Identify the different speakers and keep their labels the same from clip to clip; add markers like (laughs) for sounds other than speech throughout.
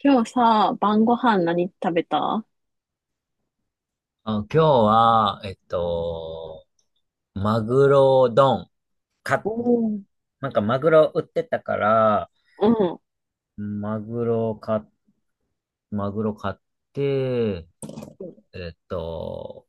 Speaker 1: 今日さ、晩ご飯何食べた？
Speaker 2: あ、今日は、マグロ丼。
Speaker 1: お
Speaker 2: か、
Speaker 1: ー。
Speaker 2: なんかマグロ売ってたから、
Speaker 1: うん。
Speaker 2: マグロ買っ、マグロ買って、えっと、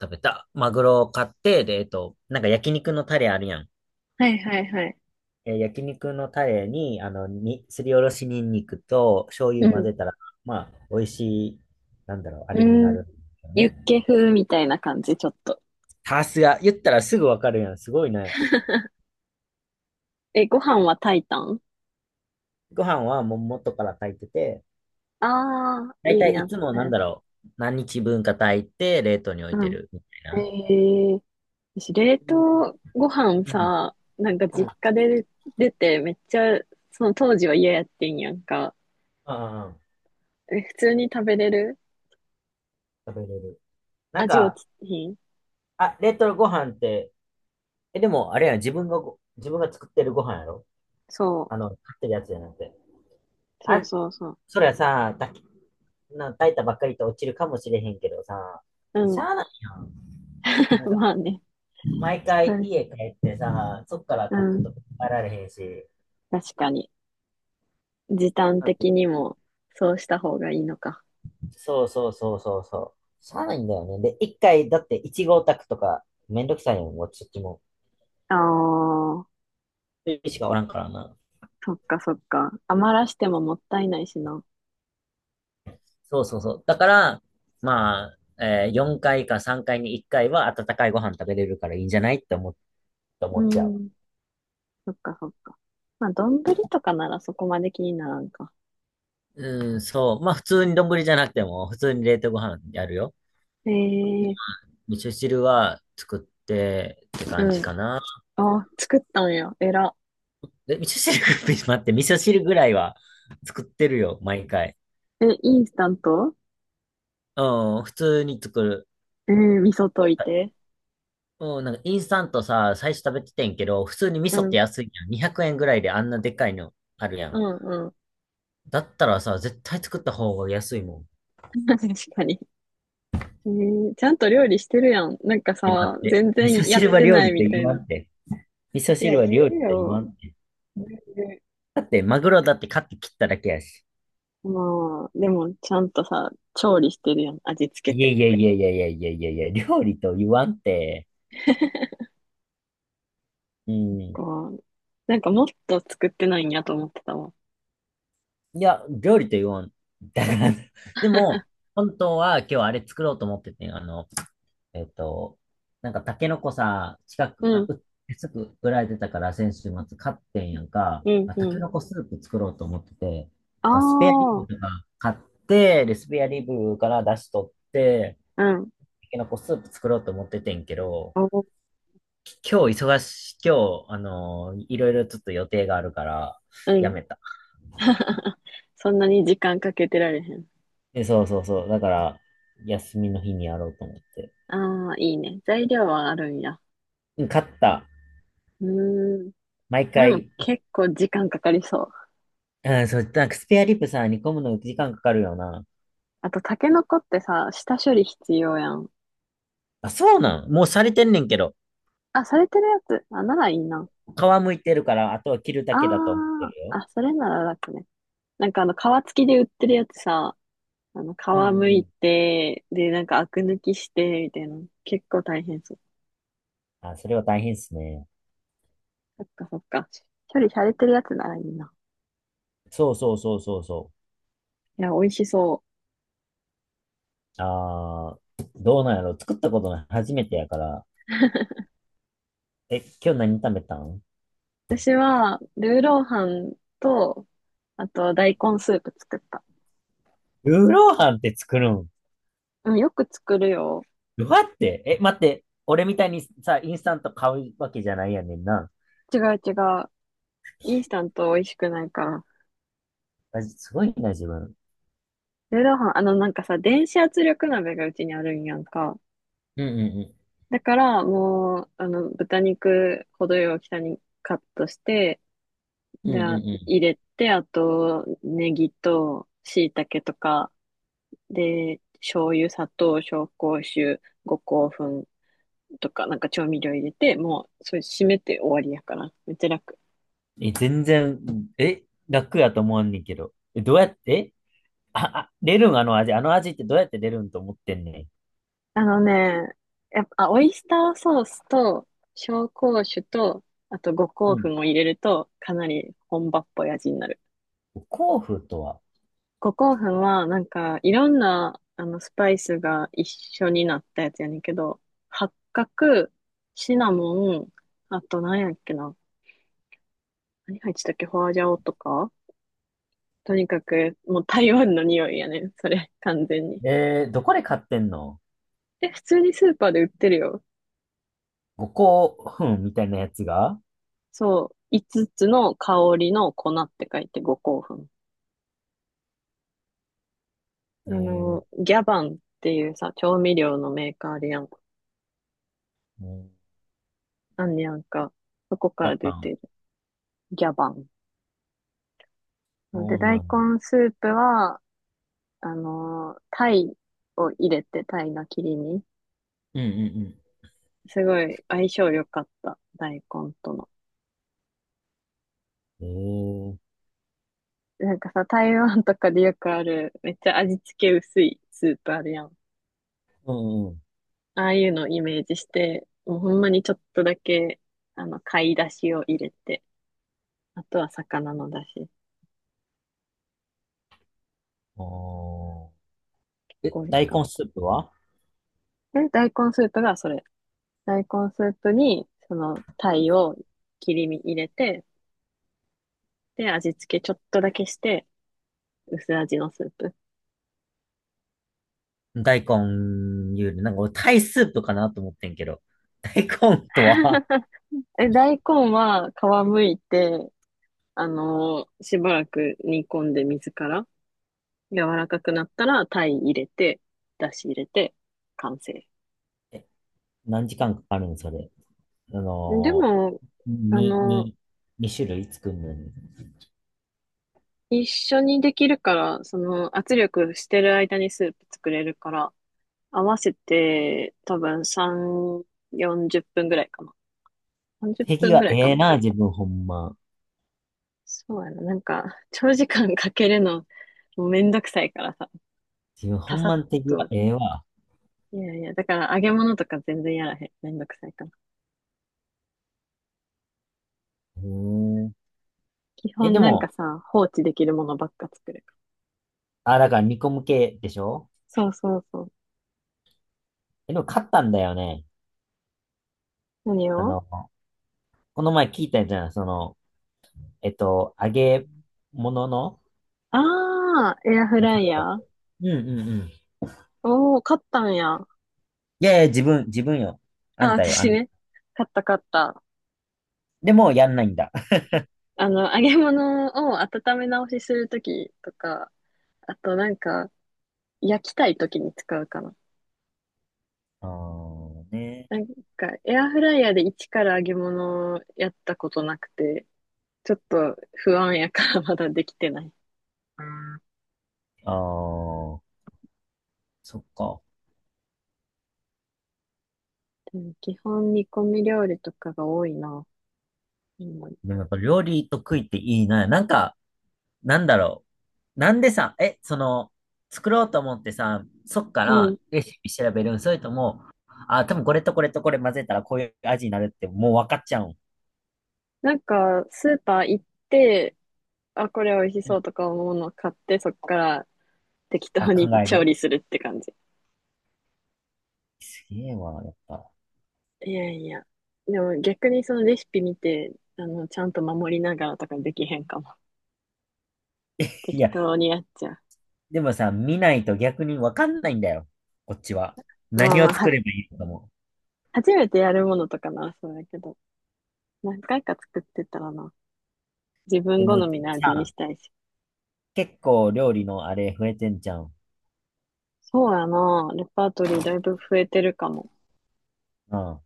Speaker 2: 食べた。マグロを買って、で、なんか焼肉のタレあるやん。
Speaker 1: はいはいはい。
Speaker 2: え、焼肉のタレに、すりおろしニンニクと醤
Speaker 1: う
Speaker 2: 油混
Speaker 1: ん。
Speaker 2: ぜたら、まあ、美味しい、なんだろう、あ
Speaker 1: う
Speaker 2: れにな
Speaker 1: ん。
Speaker 2: るよ
Speaker 1: ユッケ
Speaker 2: ね。
Speaker 1: 風みたいな感じ、ちょっと。
Speaker 2: さすが、言ったらすぐわかるやん。すごいね。
Speaker 1: え、ご飯は炊いたん？
Speaker 2: ご飯はもう元から炊いてて、
Speaker 1: ああー、
Speaker 2: だい
Speaker 1: いい
Speaker 2: た
Speaker 1: ね
Speaker 2: い
Speaker 1: あ
Speaker 2: い
Speaker 1: っ
Speaker 2: つも
Speaker 1: た
Speaker 2: なん
Speaker 1: や
Speaker 2: だ
Speaker 1: つ。
Speaker 2: ろう、何日分か炊いて冷凍に置い
Speaker 1: う
Speaker 2: て
Speaker 1: ん。
Speaker 2: るみたいな。
Speaker 1: へえ。私、冷凍ご飯
Speaker 2: うん。
Speaker 1: さ、なんか
Speaker 2: うん。
Speaker 1: 実家で出て、めっちゃ、その当時は嫌やってんやんか。
Speaker 2: ああ、
Speaker 1: え、普通に食べれる？
Speaker 2: 食べれる。なん
Speaker 1: 味落
Speaker 2: か、
Speaker 1: ちひん？
Speaker 2: あ、冷凍ご飯って、え、でも、あれやん、自分が作ってるご飯やろ。
Speaker 1: そ
Speaker 2: あの、買ってるやつじゃなくて。
Speaker 1: う。そう
Speaker 2: あ、
Speaker 1: そうそう。
Speaker 2: そりゃさ、炊き、な、炊いたばっかりと落ちるかもしれへんけどさ、
Speaker 1: う
Speaker 2: し
Speaker 1: ん。
Speaker 2: ゃあないやん。
Speaker 1: (laughs)
Speaker 2: なんか、
Speaker 1: まあね。
Speaker 2: 毎
Speaker 1: う
Speaker 2: 回
Speaker 1: ん。
Speaker 2: 家帰ってさ、そっから
Speaker 1: う
Speaker 2: 炊く
Speaker 1: ん。
Speaker 2: とか帰られへんし、
Speaker 1: 確かに。時短的にもそうした方がいいのか。
Speaker 2: そうそうそうそうそう。しゃあないんだよね。で、一回、だって1号宅とかめんどくさいよ、もうそっちも。
Speaker 1: ああ、
Speaker 2: 一人しかおらんからな。
Speaker 1: そっかそっか。余らしてももったいないしな。
Speaker 2: そうそうそう。だから、まあ、え4回か3回に1回は温かいご飯食べれるからいいんじゃないってって思
Speaker 1: う
Speaker 2: っちゃう。
Speaker 1: ん、そっかそっか。まあ、丼とかならそこまで気にならんか。
Speaker 2: うん、そう。まあ普通に丼じゃなくても、普通に冷凍ご飯やるよ。
Speaker 1: ええ。
Speaker 2: 味噌汁は作ってって
Speaker 1: う
Speaker 2: 感じ
Speaker 1: ん。
Speaker 2: かな。
Speaker 1: あ、作ったんや。えら。
Speaker 2: で、味噌汁、(laughs) 待って、味噌汁ぐらいは作ってるよ、毎回。
Speaker 1: え、インスタント？
Speaker 2: うん、普通に作る。
Speaker 1: ええ。味噌溶いて。
Speaker 2: うん、なんかインスタントさ、最初食べててんけど、普通に味
Speaker 1: う
Speaker 2: 噌って
Speaker 1: ん、
Speaker 2: 安いやん。200円ぐらいであんなでっかいのあるや
Speaker 1: う
Speaker 2: ん。
Speaker 1: ん、うん。
Speaker 2: だったらさ、絶対作った方が安いもん。
Speaker 1: (laughs) 確かに。ええ、ちゃんと料理してるやん。なんか
Speaker 2: え、待
Speaker 1: さ、
Speaker 2: って。
Speaker 1: 全
Speaker 2: 味
Speaker 1: 然
Speaker 2: 噌
Speaker 1: やっ
Speaker 2: 汁は
Speaker 1: て
Speaker 2: 料
Speaker 1: ない
Speaker 2: 理って
Speaker 1: みた
Speaker 2: 言
Speaker 1: い
Speaker 2: わ
Speaker 1: な。
Speaker 2: んって。味噌
Speaker 1: いや、
Speaker 2: 汁は料
Speaker 1: 言
Speaker 2: 理
Speaker 1: う
Speaker 2: って言わ
Speaker 1: よ。
Speaker 2: んって。
Speaker 1: 言う。
Speaker 2: だって、マグロだって買って切っただけやし。
Speaker 1: まあ、でも、ちゃんとさ、調理してるやん、味付け
Speaker 2: いや
Speaker 1: て。
Speaker 2: いやいやいやいやいやいやいや、料理と言わんって。うん。
Speaker 1: こう、なんかもっと作ってないんやと思ってたわ。
Speaker 2: いや、料理と言わん。だから、でも、本当は今日あれ作ろうと思っててん。あの、えっと、なんかタケノコさ、近く、
Speaker 1: う
Speaker 2: あ、
Speaker 1: ん、
Speaker 2: う、すぐ売られてたから先週末買ってんやんか、
Speaker 1: うん、
Speaker 2: あ、タ
Speaker 1: う
Speaker 2: ケ
Speaker 1: ん。
Speaker 2: ノコスープ作ろうと思ってて、
Speaker 1: あ
Speaker 2: なんかスペアリブ
Speaker 1: あ、
Speaker 2: とか買って、で、スペアリブから出し取って、
Speaker 1: うん、
Speaker 2: タケノコスープ作ろうと思っててんけど、
Speaker 1: お、
Speaker 2: 今日、あのーいろいろちょっと予定があるから、
Speaker 1: う
Speaker 2: や
Speaker 1: ん。
Speaker 2: めた。
Speaker 1: (laughs) そんなに時間かけてられへん。
Speaker 2: え、そうそうそう。だから、休みの日にやろうと思って。
Speaker 1: ああ、いいね。材料はあるんや。
Speaker 2: うん買った。
Speaker 1: うーん。
Speaker 2: 毎
Speaker 1: それも
Speaker 2: 回、
Speaker 1: 結構時間かかりそう。
Speaker 2: うん、そう、なんかスペアリブさ、煮込むの時間かかるよな。
Speaker 1: あと、タケノコってさ、下処理必要やん。
Speaker 2: あ、そうなんもうされてんねんけど、
Speaker 1: あ、されてるやつ。あ、ならいいな。
Speaker 2: 皮むいてるから、あとは切るだ
Speaker 1: あ
Speaker 2: けだと思ってる
Speaker 1: あ、
Speaker 2: よ。
Speaker 1: あ、それなら楽ね。なんかあの、皮付きで売ってるやつさ、あの、
Speaker 2: うん
Speaker 1: 皮
Speaker 2: うん
Speaker 1: む
Speaker 2: う
Speaker 1: い
Speaker 2: ん。
Speaker 1: て、で、なんかアク抜きして、みたいな。結構大変そう。
Speaker 2: あ、それは大変っすね。
Speaker 1: そっかそっか。処理されてるやつならいいな。
Speaker 2: そうそうそうそうそ
Speaker 1: いや、美味しそ
Speaker 2: う。あー、どうなんやろ作ったことない。初めてやから。え、今日何食べたん？
Speaker 1: う。私は、ルーローハンと、あと、大根スープ作った。
Speaker 2: ルーローハンって作るん？
Speaker 1: うん、よく作るよ。
Speaker 2: どうやって？え、待って。俺みたいにさ、インスタント買うわけじゃないやねんな。
Speaker 1: 違う違う。インスタント美味しくないから。
Speaker 2: あすごいな、自分。
Speaker 1: ルーローハン、あの、なんかさ、電子圧力鍋がうちにあるんやんか。
Speaker 2: うんう
Speaker 1: だから、もう、あの、豚肉、程よい大きさにカットして、
Speaker 2: んうん。
Speaker 1: で、
Speaker 2: うんうんうん。
Speaker 1: 入れて、あと、ネギと、椎茸とか、で、醤油、砂糖、紹興酒、五香粉とか、なんか調味料入れて、もう、それ締めて終わりやから。めっちゃ楽。
Speaker 2: え、全然、え、楽やと思わんねんけど。え、どうやって？あ、あレルンあの味、あの味ってどうやってレルンと思ってんね
Speaker 1: あのね、やっぱ、オイスターソースと、紹興酒と、あと五
Speaker 2: ん。う
Speaker 1: 香
Speaker 2: ん。
Speaker 1: 粉を入れると、かなり本場っぽい味になる。
Speaker 2: 五香粉とは？
Speaker 1: 五香粉は、なんか、いろんな、あの、スパイスが一緒になったやつやねんけど、八角、シナモン、あと何やっけな。何入ってたっけ？ホアジャオとか。とにかく、もう台湾の匂いやねん。それ、完全に。
Speaker 2: えー、どこで買ってんの？
Speaker 1: で、普通にスーパーで売ってるよ。
Speaker 2: 五香粉みたいなやつが？
Speaker 1: そう。5つつの香りの粉って書いて五香粉。あ
Speaker 2: えー、
Speaker 1: の、ギャバンっていうさ、調味料のメーカーあるやん。
Speaker 2: うん。
Speaker 1: あんねやんか。そこか
Speaker 2: や
Speaker 1: ら
Speaker 2: っ
Speaker 1: 出て
Speaker 2: ぱ、
Speaker 1: る。ギャバン。そう
Speaker 2: そ
Speaker 1: で、
Speaker 2: う
Speaker 1: 大
Speaker 2: なん？
Speaker 1: 根スープは、タイを入れて、タイの切り身。
Speaker 2: うんうん
Speaker 1: すごい相性良かった、大根との。
Speaker 2: うん。えー、
Speaker 1: なんかさ、台湾とかでよくある、めっちゃ味付け薄いスープあるやん。
Speaker 2: うんうん。
Speaker 1: ああいうのをイメージして、もうほんまにちょっとだけ、あの、貝だしを入れて、あとは魚のだ汁。
Speaker 2: おーえ、
Speaker 1: 美味し
Speaker 2: 大
Speaker 1: かっ
Speaker 2: 根スープは？
Speaker 1: た。え、大根スープがそれ。大根スープに、その、タイを切り身入れて、で、味付けちょっとだけして、薄味のスープ。
Speaker 2: 大根ゆで、なんか俺タイスープかなと思ってんけど。(laughs) 大根とは？
Speaker 1: (laughs) え、大根は皮むいて、しばらく煮込んで水から柔らかくなったら、鯛入れて、だし入れて、完成。
Speaker 2: え、何時間かかるんそれ。あ
Speaker 1: で
Speaker 2: の
Speaker 1: も、
Speaker 2: ー、
Speaker 1: あの
Speaker 2: 二種類作るのに。
Speaker 1: 一緒にできるから、その圧力してる間にスープ作れるから、合わせて多分3、40分ぐらいかな。30
Speaker 2: 敵
Speaker 1: 分ぐ
Speaker 2: は
Speaker 1: らいか
Speaker 2: ええ
Speaker 1: も。
Speaker 2: な、自分ほんま。
Speaker 1: そうやな。なんか、長時間かけるの、もうめんどくさいからさ、
Speaker 2: 自分ほ
Speaker 1: パ
Speaker 2: ん
Speaker 1: サッ
Speaker 2: まの敵は
Speaker 1: と。
Speaker 2: ええわ。
Speaker 1: いやいや、だから揚げ物とか全然やらへん。めんどくさいから。
Speaker 2: へえ。
Speaker 1: 基
Speaker 2: え、で
Speaker 1: 本なんか
Speaker 2: も、
Speaker 1: さ、放置できるものばっか作る。
Speaker 2: あ、だから煮込む系でしょ？
Speaker 1: そうそうそう。
Speaker 2: え、でも勝ったんだよね。
Speaker 1: 何
Speaker 2: あ
Speaker 1: を？
Speaker 2: の、この前聞いたじゃん。その、揚げ物の、
Speaker 1: ああー、エアフ
Speaker 2: ね、
Speaker 1: ラ
Speaker 2: 勝
Speaker 1: イ
Speaker 2: った
Speaker 1: ヤ
Speaker 2: っ
Speaker 1: ー？
Speaker 2: て。うんうんうん。
Speaker 1: おー、買ったんや。あ、
Speaker 2: いやいや、自分よ。あんたよ。あ
Speaker 1: 私
Speaker 2: ん、
Speaker 1: ね。買った買った。
Speaker 2: でも、やんないんだ。
Speaker 1: あの、揚げ物を温め直しするときとか、あとなんか、焼きたいときに使うかな。
Speaker 2: (laughs) あーね。
Speaker 1: なんか、エアフライヤーで一から揚げ物をやったことなくて、ちょっと不安やからまだできてない。
Speaker 2: あー、そっか。
Speaker 1: うん。基本煮込み料理とかが多いな。今。
Speaker 2: でもやっぱ料理と食いっていいな。なんか、なんだろう。なんでさ、え、その、作ろうと思ってさ、そっか
Speaker 1: う
Speaker 2: ら
Speaker 1: ん。
Speaker 2: レシピ調べるん？それとも、あ、多分これとこれとこれ混ぜたらこういう味になるってもう分かっちゃうん？
Speaker 1: なんか、スーパー行って、あ、これ美味し
Speaker 2: う
Speaker 1: そ
Speaker 2: ん。
Speaker 1: うとか思うのを買って、そっから適
Speaker 2: あ、
Speaker 1: 当
Speaker 2: 考
Speaker 1: に (laughs)
Speaker 2: え
Speaker 1: 調
Speaker 2: る。
Speaker 1: 理するって感じ。
Speaker 2: すげえわ、やっぱ。
Speaker 1: いやいや。でも逆にそのレシピ見て、あの、ちゃんと守りながらとかできへんかも。
Speaker 2: い
Speaker 1: 適
Speaker 2: や、
Speaker 1: 当にやっちゃ
Speaker 2: でもさ、見ないと逆に分かんないんだよ。こっちは。
Speaker 1: う。まあ
Speaker 2: 何
Speaker 1: ま
Speaker 2: を
Speaker 1: あ、
Speaker 2: 作ればいいのかも。
Speaker 1: 初めてやるものとかな、そうだけど。何回か作ってたらな。自
Speaker 2: で
Speaker 1: 分好
Speaker 2: も
Speaker 1: みの味に
Speaker 2: さ、
Speaker 1: したいし。
Speaker 2: 結構料理のあれ増えてんじゃん。
Speaker 1: そうやな。レパートリーだいぶ増えてるかも。
Speaker 2: うん。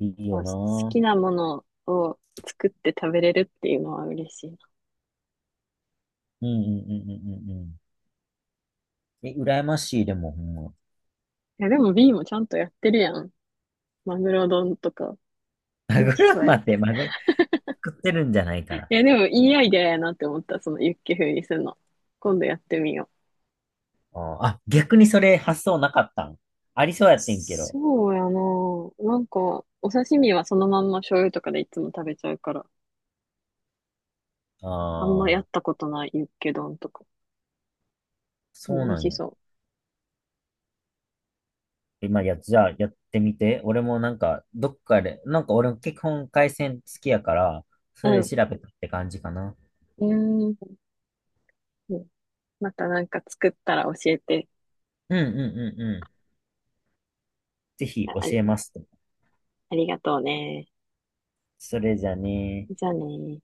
Speaker 2: いい
Speaker 1: 好
Speaker 2: よな。
Speaker 1: きなものを作って食べれるっていうのは嬉しいな。
Speaker 2: うんうんうんうんうんうん。え、羨ましい、でもほんま。
Speaker 1: いや、でも B もちゃんとやってるやん。マグロ丼とか、
Speaker 2: (laughs) マ
Speaker 1: 美味
Speaker 2: グ
Speaker 1: し
Speaker 2: ロ
Speaker 1: そうや。い
Speaker 2: まで、マグ作ってるんじゃないかな。
Speaker 1: や、でもいいアイデアやなって思った、そのユッケ風にするの。今度やってみよう。
Speaker 2: あーあ、逆にそれ発想なかったん？ありそうやってんけど。
Speaker 1: そうやな。なんか、お刺身はそのまんま醤油とかでいつも食べちゃうから、あんまや
Speaker 2: ああ、
Speaker 1: ったことないユッケ丼とか。で
Speaker 2: そう
Speaker 1: も美味
Speaker 2: なん
Speaker 1: し
Speaker 2: や。
Speaker 1: そ
Speaker 2: 今や、じゃあやってみて。俺もなんか、どっかで、なんか俺も結婚回線好きやから、それ
Speaker 1: う。
Speaker 2: で
Speaker 1: う
Speaker 2: 調べたって感じかな。
Speaker 1: ん。うーん。またなんか作ったら教えて。
Speaker 2: うんうんうんうん。ぜひ教えま
Speaker 1: あ、
Speaker 2: すと。
Speaker 1: ありがとうね。
Speaker 2: それじゃね。
Speaker 1: じゃあね。